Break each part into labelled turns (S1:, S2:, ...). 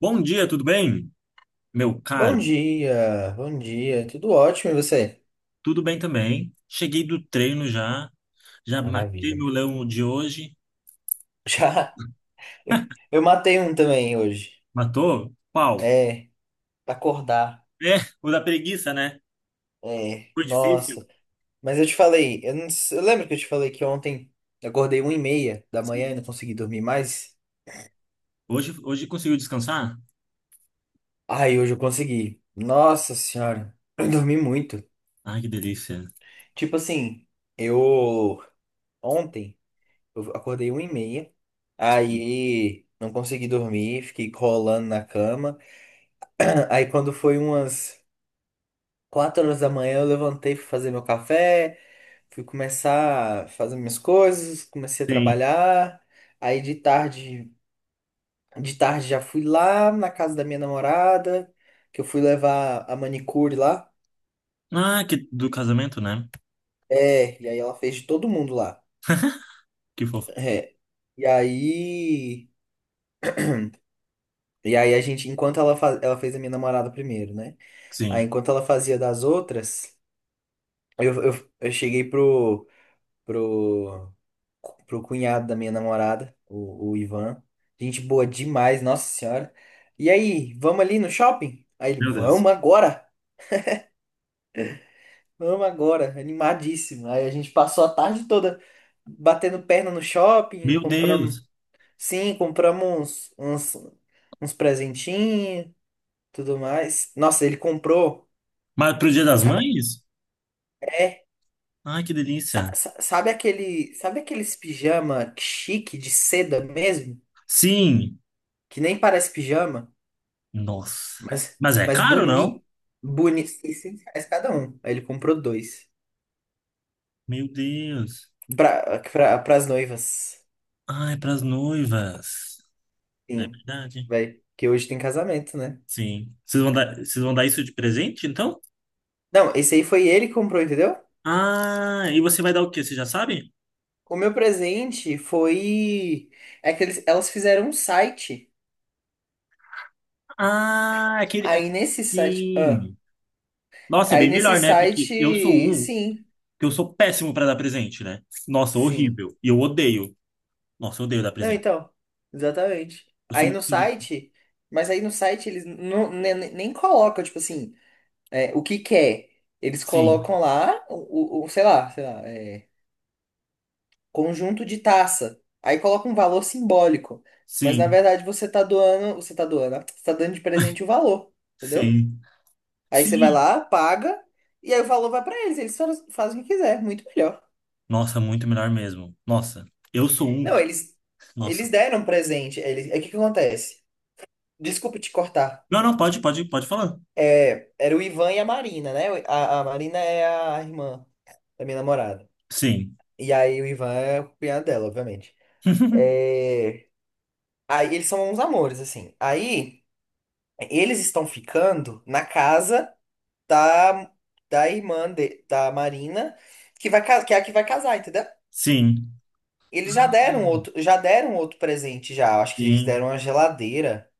S1: Bom dia, tudo bem? Meu caro,
S2: Bom dia, tudo ótimo e você?
S1: tudo bem também. Cheguei do treino já, já matei
S2: Maravilha.
S1: meu leão de hoje.
S2: Já eu matei um também hoje.
S1: Matou? Qual?
S2: É, pra acordar.
S1: É, o da preguiça, né?
S2: É,
S1: Foi difícil?
S2: nossa. Mas eu te falei, eu, não, s- eu lembro que eu te falei que ontem eu acordei 1:30 da manhã
S1: Sim.
S2: e não consegui dormir mais.
S1: Hoje, hoje conseguiu descansar?
S2: Ai, hoje eu consegui. Nossa senhora, eu dormi muito.
S1: Ai, que delícia.
S2: Tipo assim, eu ontem eu acordei uma e meia, aí não consegui dormir, fiquei rolando na cama. Aí quando foi umas 4 horas da manhã, eu levantei, fui fazer meu café, fui começar a fazer minhas coisas, comecei a
S1: Sim.
S2: trabalhar. Aí de tarde já fui lá na casa da minha namorada, que eu fui levar a manicure lá.
S1: Ah, que do casamento, né?
S2: É, e aí ela fez de todo mundo lá.
S1: Que fofo.
S2: É. E aí, e aí a gente, enquanto ela, ela fez a minha namorada primeiro, né? Aí
S1: Sim.
S2: enquanto ela fazia das outras, eu cheguei pro, pro cunhado da minha namorada, o Ivan. Gente boa demais, nossa senhora. E aí, vamos ali no shopping? Aí ele,
S1: Meu Deus.
S2: vamos agora, animadíssimo. Aí a gente passou a tarde toda batendo perna no shopping,
S1: Meu
S2: compramos,
S1: Deus.
S2: sim, compramos uns presentinhos, tudo mais. Nossa, ele comprou,
S1: Mas pro Dia das
S2: sabe,
S1: Mães?
S2: é,
S1: Ai, que delícia.
S2: sabe aqueles pijama chique de seda mesmo,
S1: Sim.
S2: que nem parece pijama?
S1: Nossa.
S2: Mas,
S1: Mas é
S2: mas
S1: caro, não?
S2: boni boni R$ 600 cada um. Aí ele comprou dois.
S1: Meu Deus.
S2: Pras noivas.
S1: Ai, pras noivas. É
S2: Sim.
S1: verdade.
S2: Vai. Que hoje tem casamento, né?
S1: Sim. Vocês vão dar isso de presente, então?
S2: Não, esse aí foi ele que comprou, entendeu?
S1: Ah, e você vai dar o quê? Você já sabe?
S2: O meu presente foi. É que eles, elas fizeram um site.
S1: Ah, aquele.
S2: Aí
S1: aque-
S2: nesse site. Ah,
S1: Sim. Nossa, é
S2: aí
S1: bem
S2: nesse
S1: melhor, né? Porque eu sou
S2: site.
S1: um
S2: Sim.
S1: que eu sou péssimo para dar presente, né? Nossa,
S2: Sim.
S1: horrível. E eu odeio. Nossa, eu odeio dar
S2: Não,
S1: presente.
S2: então. Exatamente.
S1: Eu sou
S2: Aí
S1: muito.
S2: no
S1: inde-
S2: site. Mas aí no site eles não, nem colocam, tipo assim. É, o que quer? Eles
S1: Sim,
S2: colocam lá, sei lá, sei lá, é, conjunto de taça. Aí coloca um valor simbólico. Mas na
S1: sim,
S2: verdade você tá doando, ó, você tá dando de presente o valor, entendeu?
S1: sim,
S2: Aí você vai
S1: sim.
S2: lá, paga, e aí o valor vai pra eles, eles, fazem o que quiser, muito melhor.
S1: Nossa, muito melhor mesmo. Nossa, eu sou um.
S2: Não,
S1: Nossa.
S2: eles deram um presente, eles, é o que que acontece? Desculpa te cortar.
S1: Não, não, pode, pode, pode falar.
S2: É, era o Ivan e a Marina, né? A Marina é a irmã da minha namorada.
S1: Sim,
S2: E aí o Ivan é o cunhado dela, obviamente. É. Aí eles são uns amores, assim. Aí eles estão ficando na casa da, da irmã da Marina, que vai, que é a que vai casar, entendeu?
S1: sim,
S2: Eles já deram outro presente já. Acho que eles
S1: sim.
S2: deram uma geladeira,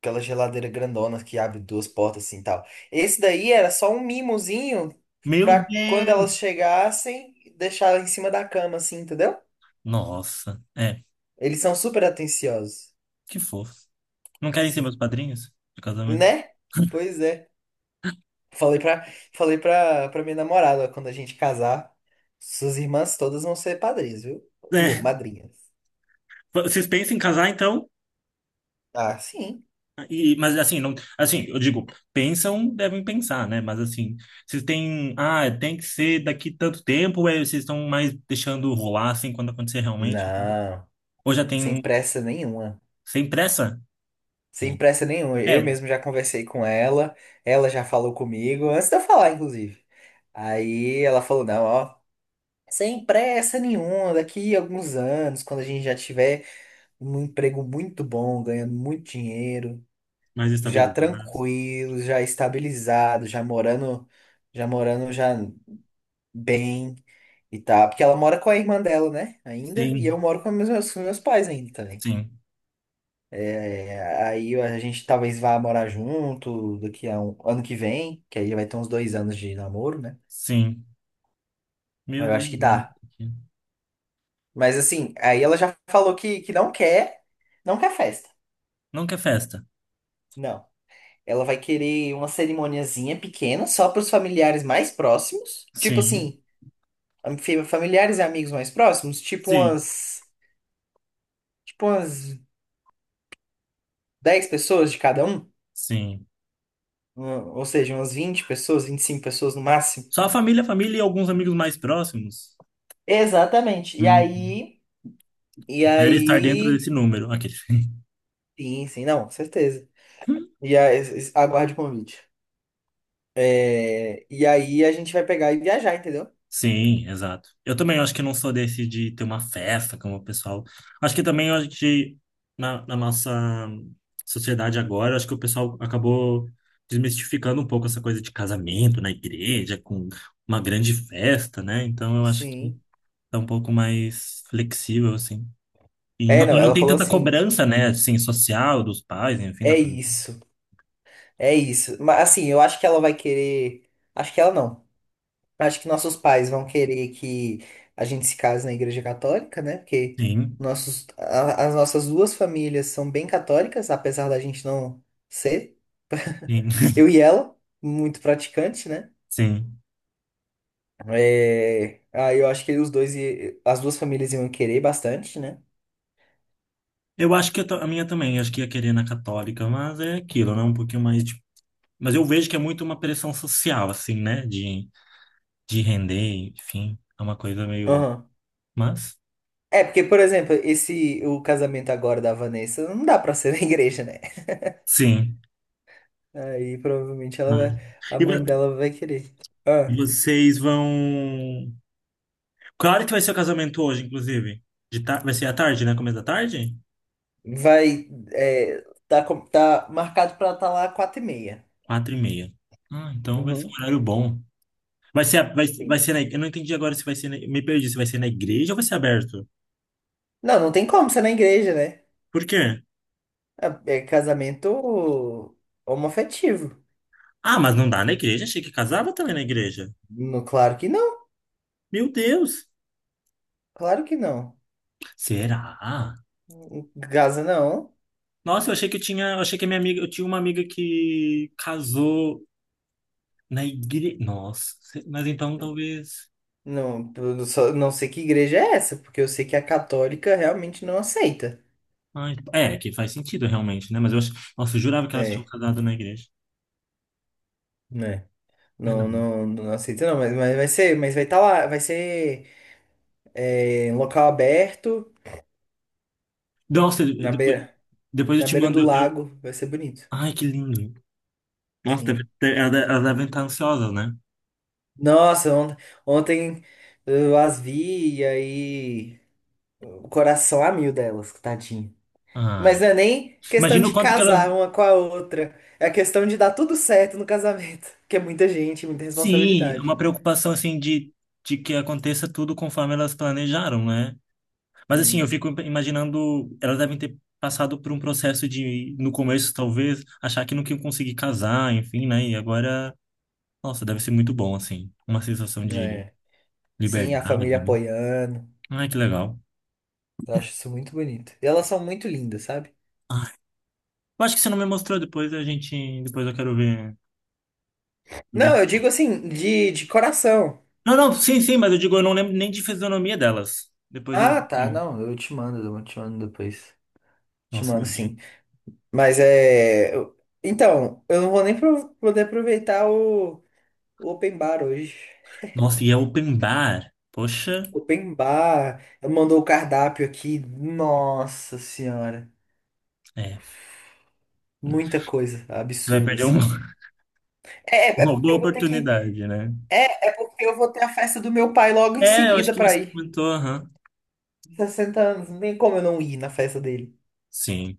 S2: aquela geladeira grandona que abre duas portas assim e tal. Esse daí era só um mimozinho
S1: Meu
S2: pra quando elas
S1: Deus!
S2: chegassem, deixar ela em cima da cama assim, entendeu?
S1: Nossa, é,
S2: Eles são super atenciosos.
S1: que fofo. Não querem ser meus
S2: Sim.
S1: padrinhos de casamento?
S2: Né? Pois é. Falei pra, pra minha namorada, ó, quando a gente casar, suas irmãs todas vão ser padrinhas, viu? Bom,
S1: É,
S2: madrinhas.
S1: vocês pensam em casar então?
S2: Ah, sim.
S1: E, mas assim, não, assim, eu digo, pensam, devem pensar, né? Mas assim, vocês têm, ah, tem que ser daqui tanto tempo, ou é, vocês estão mais deixando rolar assim quando acontecer realmente?
S2: Não,
S1: Ou já tem
S2: sem
S1: um-
S2: pressa nenhuma.
S1: Sem pressa?
S2: Sem
S1: Hum.
S2: pressa nenhuma. Eu
S1: É,
S2: mesmo já conversei com ela, ela já falou comigo, antes de eu falar, inclusive. Aí ela falou, não, ó, sem pressa nenhuma, daqui a alguns anos, quando a gente já tiver um emprego muito bom, ganhando muito dinheiro,
S1: mais
S2: já
S1: estabilidade.
S2: tranquilo, já estabilizado, já morando, já morando já bem e tal. Porque ela mora com a irmã dela, né? Ainda, e eu
S1: Sim,
S2: moro com meus pais ainda também.
S1: sim,
S2: É, aí a gente talvez vá morar junto daqui a um ano que vem, que aí vai ter uns 2 anos de namoro, né?
S1: sim. Meu
S2: Eu acho que
S1: Deus, né?
S2: dá. Mas assim, aí ela já falou que não quer, não quer festa.
S1: Não quer festa.
S2: Não. Ela vai querer uma cerimoniazinha pequena, só para os familiares mais próximos. Tipo
S1: Sim,
S2: assim, familiares e amigos mais próximos,
S1: sim,
S2: tipo umas 10 pessoas de cada um,
S1: sim.
S2: um, ou seja, umas 20 pessoas, 25 pessoas no máximo.
S1: Só a família e alguns amigos mais próximos.
S2: Exatamente.
S1: Hum.
S2: E
S1: Era estar dentro desse
S2: aí,
S1: número. Aquele.
S2: sim, sim, não, com certeza. E aí, aguarde o convite. É, e aí a gente vai pegar e viajar, entendeu?
S1: Sim, exato. Eu também acho que não sou desse de ter uma festa como o pessoal. Acho que também a gente, na nossa sociedade agora, acho que o pessoal acabou desmistificando um pouco essa coisa de casamento na igreja, com uma grande festa, né? Então eu acho que
S2: Sim.
S1: tá um pouco mais flexível, assim.
S2: É, não,
S1: E não
S2: ela
S1: tem
S2: falou
S1: tanta
S2: assim,
S1: cobrança, né? Assim, social dos pais, enfim, da
S2: é
S1: família.
S2: isso, é isso. Mas assim, eu acho que ela vai querer, acho que ela não. Acho que nossos pais vão querer que a gente se case na Igreja Católica, né? Porque
S1: Sim,
S2: nossos, as nossas duas famílias são bem católicas, apesar da gente não ser.
S1: sim.
S2: Eu e ela, muito praticante, né?
S1: Sim.
S2: É, aí eu acho que os dois, as duas famílias iam querer bastante, né?
S1: Eu acho que eu a minha também, eu acho que ia querer na católica, mas é aquilo, né? Um pouquinho mais de... Mas eu vejo que é muito uma pressão social, assim, né? De render, enfim. É uma coisa meio...
S2: Aham.
S1: Mas,
S2: É, porque, por exemplo, esse, o casamento agora da Vanessa não dá pra ser na igreja, né?
S1: sim.
S2: Aí provavelmente ela
S1: Vai.
S2: vai, a
S1: E
S2: mãe dela vai querer. Ah.
S1: vocês vão... Qual hora que vai ser o casamento hoje, inclusive? De ta... Vai ser à tarde, né? Começo da tarde?
S2: Vai. É, tá, tá marcado pra estar lá 4:30.
S1: Quatro e meia. Ah, então vai ser um
S2: Uhum.
S1: horário bom. Vai ser, vai
S2: Sim.
S1: ser na... Eu não entendi agora se vai ser... Me perdi, se vai ser na igreja ou vai ser aberto?
S2: Não, não tem como ser na igreja, né?
S1: Por quê?
S2: É, é casamento homoafetivo.
S1: Ah, mas não dá na igreja? Achei que casava também na igreja.
S2: No, claro que não,
S1: Meu Deus!
S2: claro que não.
S1: Será?
S2: Gaza não.
S1: Nossa, eu achei que eu tinha, eu achei que a minha amiga, eu tinha uma amiga que casou na igreja. Nossa, mas então talvez.
S2: Não, eu só não sei que igreja é essa, porque eu sei que a católica realmente não aceita.
S1: Ai, é, que faz sentido realmente, né? Mas eu, nossa, eu jurava que elas tinham
S2: É,
S1: casado na igreja.
S2: né?
S1: É,
S2: Não,
S1: não.
S2: não, não aceita não, mas vai ser, mas vai estar lá, vai ser é, em local aberto,
S1: Nossa,
S2: na
S1: depois,
S2: beira,
S1: depois eu
S2: na
S1: te
S2: beira
S1: mando.
S2: do
S1: eu-
S2: lago, vai ser bonito.
S1: Ai, que lindo. Nossa,
S2: Sim.
S1: elas elas devem estar ansiosas, né?
S2: Nossa, ontem eu as vi e aí o coração a mil delas, tadinho.
S1: Ah,
S2: Mas não é nem questão
S1: imagina o
S2: de
S1: quanto que elas.
S2: casar uma com a outra, é a questão de dar tudo certo no casamento, que é muita gente, muita
S1: Sim, é
S2: responsabilidade.
S1: uma preocupação assim de que aconteça tudo conforme elas planejaram, né? Mas assim, eu
S2: Sim.
S1: fico imaginando, elas devem ter passado por um processo de, no começo, talvez, achar que nunca iam conseguir casar, enfim, né? E agora, nossa, deve ser muito bom, assim. Uma sensação de
S2: É. Sim, a família
S1: liberdade, né?
S2: apoiando.
S1: Ai, que legal.
S2: Eu acho isso muito bonito. E elas são muito lindas, sabe?
S1: Ai, eu acho que você não me mostrou depois, a gente. Depois eu quero ver. Quero ver.
S2: Não, eu digo assim, de coração.
S1: Não, não, sim, sim, mas eu digo, eu não lembro nem de fisionomia delas. Depois eu.
S2: Ah, tá, não, eu te mando depois. Te
S1: Nossa,
S2: mando
S1: meu.
S2: sim. Mas é. eu- Então, eu não vou nem poder aproveitar o Open Bar hoje.
S1: Nossa, e é open bar. Poxa.
S2: Open Bar ela mandou o cardápio aqui. Nossa senhora.
S1: É,
S2: Muita coisa
S1: você vai
S2: absurda,
S1: perder uma,
S2: assim. É,
S1: uma
S2: porque
S1: boa
S2: eu vou ter que.
S1: oportunidade, né?
S2: É, é porque eu vou ter a festa do meu pai logo em
S1: É, eu acho
S2: seguida
S1: que
S2: pra
S1: você
S2: ir.
S1: comentou, aham.
S2: 60 anos, não tem como eu não ir na festa dele.
S1: Sim.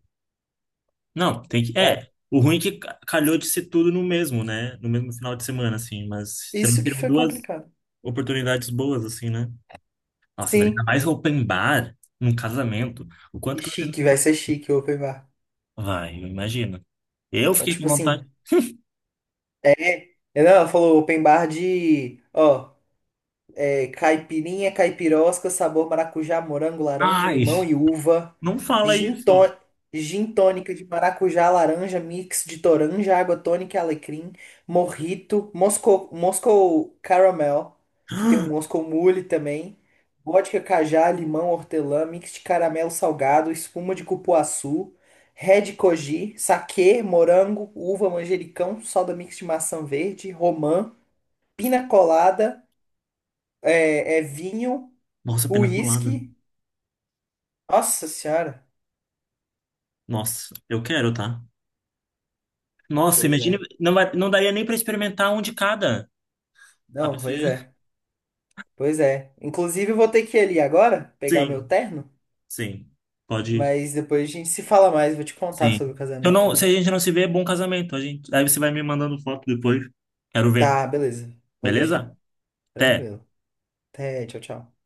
S1: Não, tem que. É,
S2: É.
S1: o ruim é que calhou de ser tudo no mesmo, né? No mesmo final de semana, assim, mas você não
S2: Isso que
S1: teriam
S2: foi
S1: duas
S2: complicado.
S1: oportunidades boas, assim, né? Nossa, mas ainda
S2: Sim,
S1: mais open bar num casamento. O
S2: e
S1: quanto que você não
S2: chique, vai ser chique o Open Bar.
S1: vai, eu imagino. Eu
S2: É,
S1: fiquei com
S2: tipo
S1: vontade.
S2: assim, é. Não, ela falou Open Bar de. Ó. É, caipirinha, caipirosca, sabor maracujá, morango, laranja,
S1: Ai,
S2: limão e uva.
S1: não fala
S2: Gin,
S1: isso.
S2: tó- gin tônica de maracujá, laranja, mix de toranja, água tônica e alecrim. Morrito, Moscou, Moscou Caramel, que tem um Moscou Mule também. Vodka, cajá, limão, hortelã, mix de caramelo salgado, espuma de cupuaçu. Red Koji, saquê, morango, uva, manjericão, soda mix de maçã verde, romã, pina colada é, é vinho,
S1: Nossa, pena colada.
S2: uísque. Nossa senhora.
S1: Nossa, eu quero, tá? Nossa,
S2: Pois
S1: imagina,
S2: é.
S1: não, não daria nem pra experimentar um de cada. A
S2: Não,
S1: pessoa
S2: pois
S1: ia-
S2: é. Pois é. Inclusive, eu vou ter que ir ali agora, pegar o meu
S1: Sim,
S2: terno.
S1: sim. Pode ir.
S2: Mas depois a gente se fala mais, vou te contar
S1: Sim.
S2: sobre o
S1: Eu
S2: casamento
S1: não, se a
S2: mais.
S1: gente não se vê, é bom casamento. A gente, aí você vai me mandando foto depois. Quero ver.
S2: Tá, beleza. Pode deixar.
S1: Beleza? Até.
S2: Tranquilo. Até, tchau, tchau.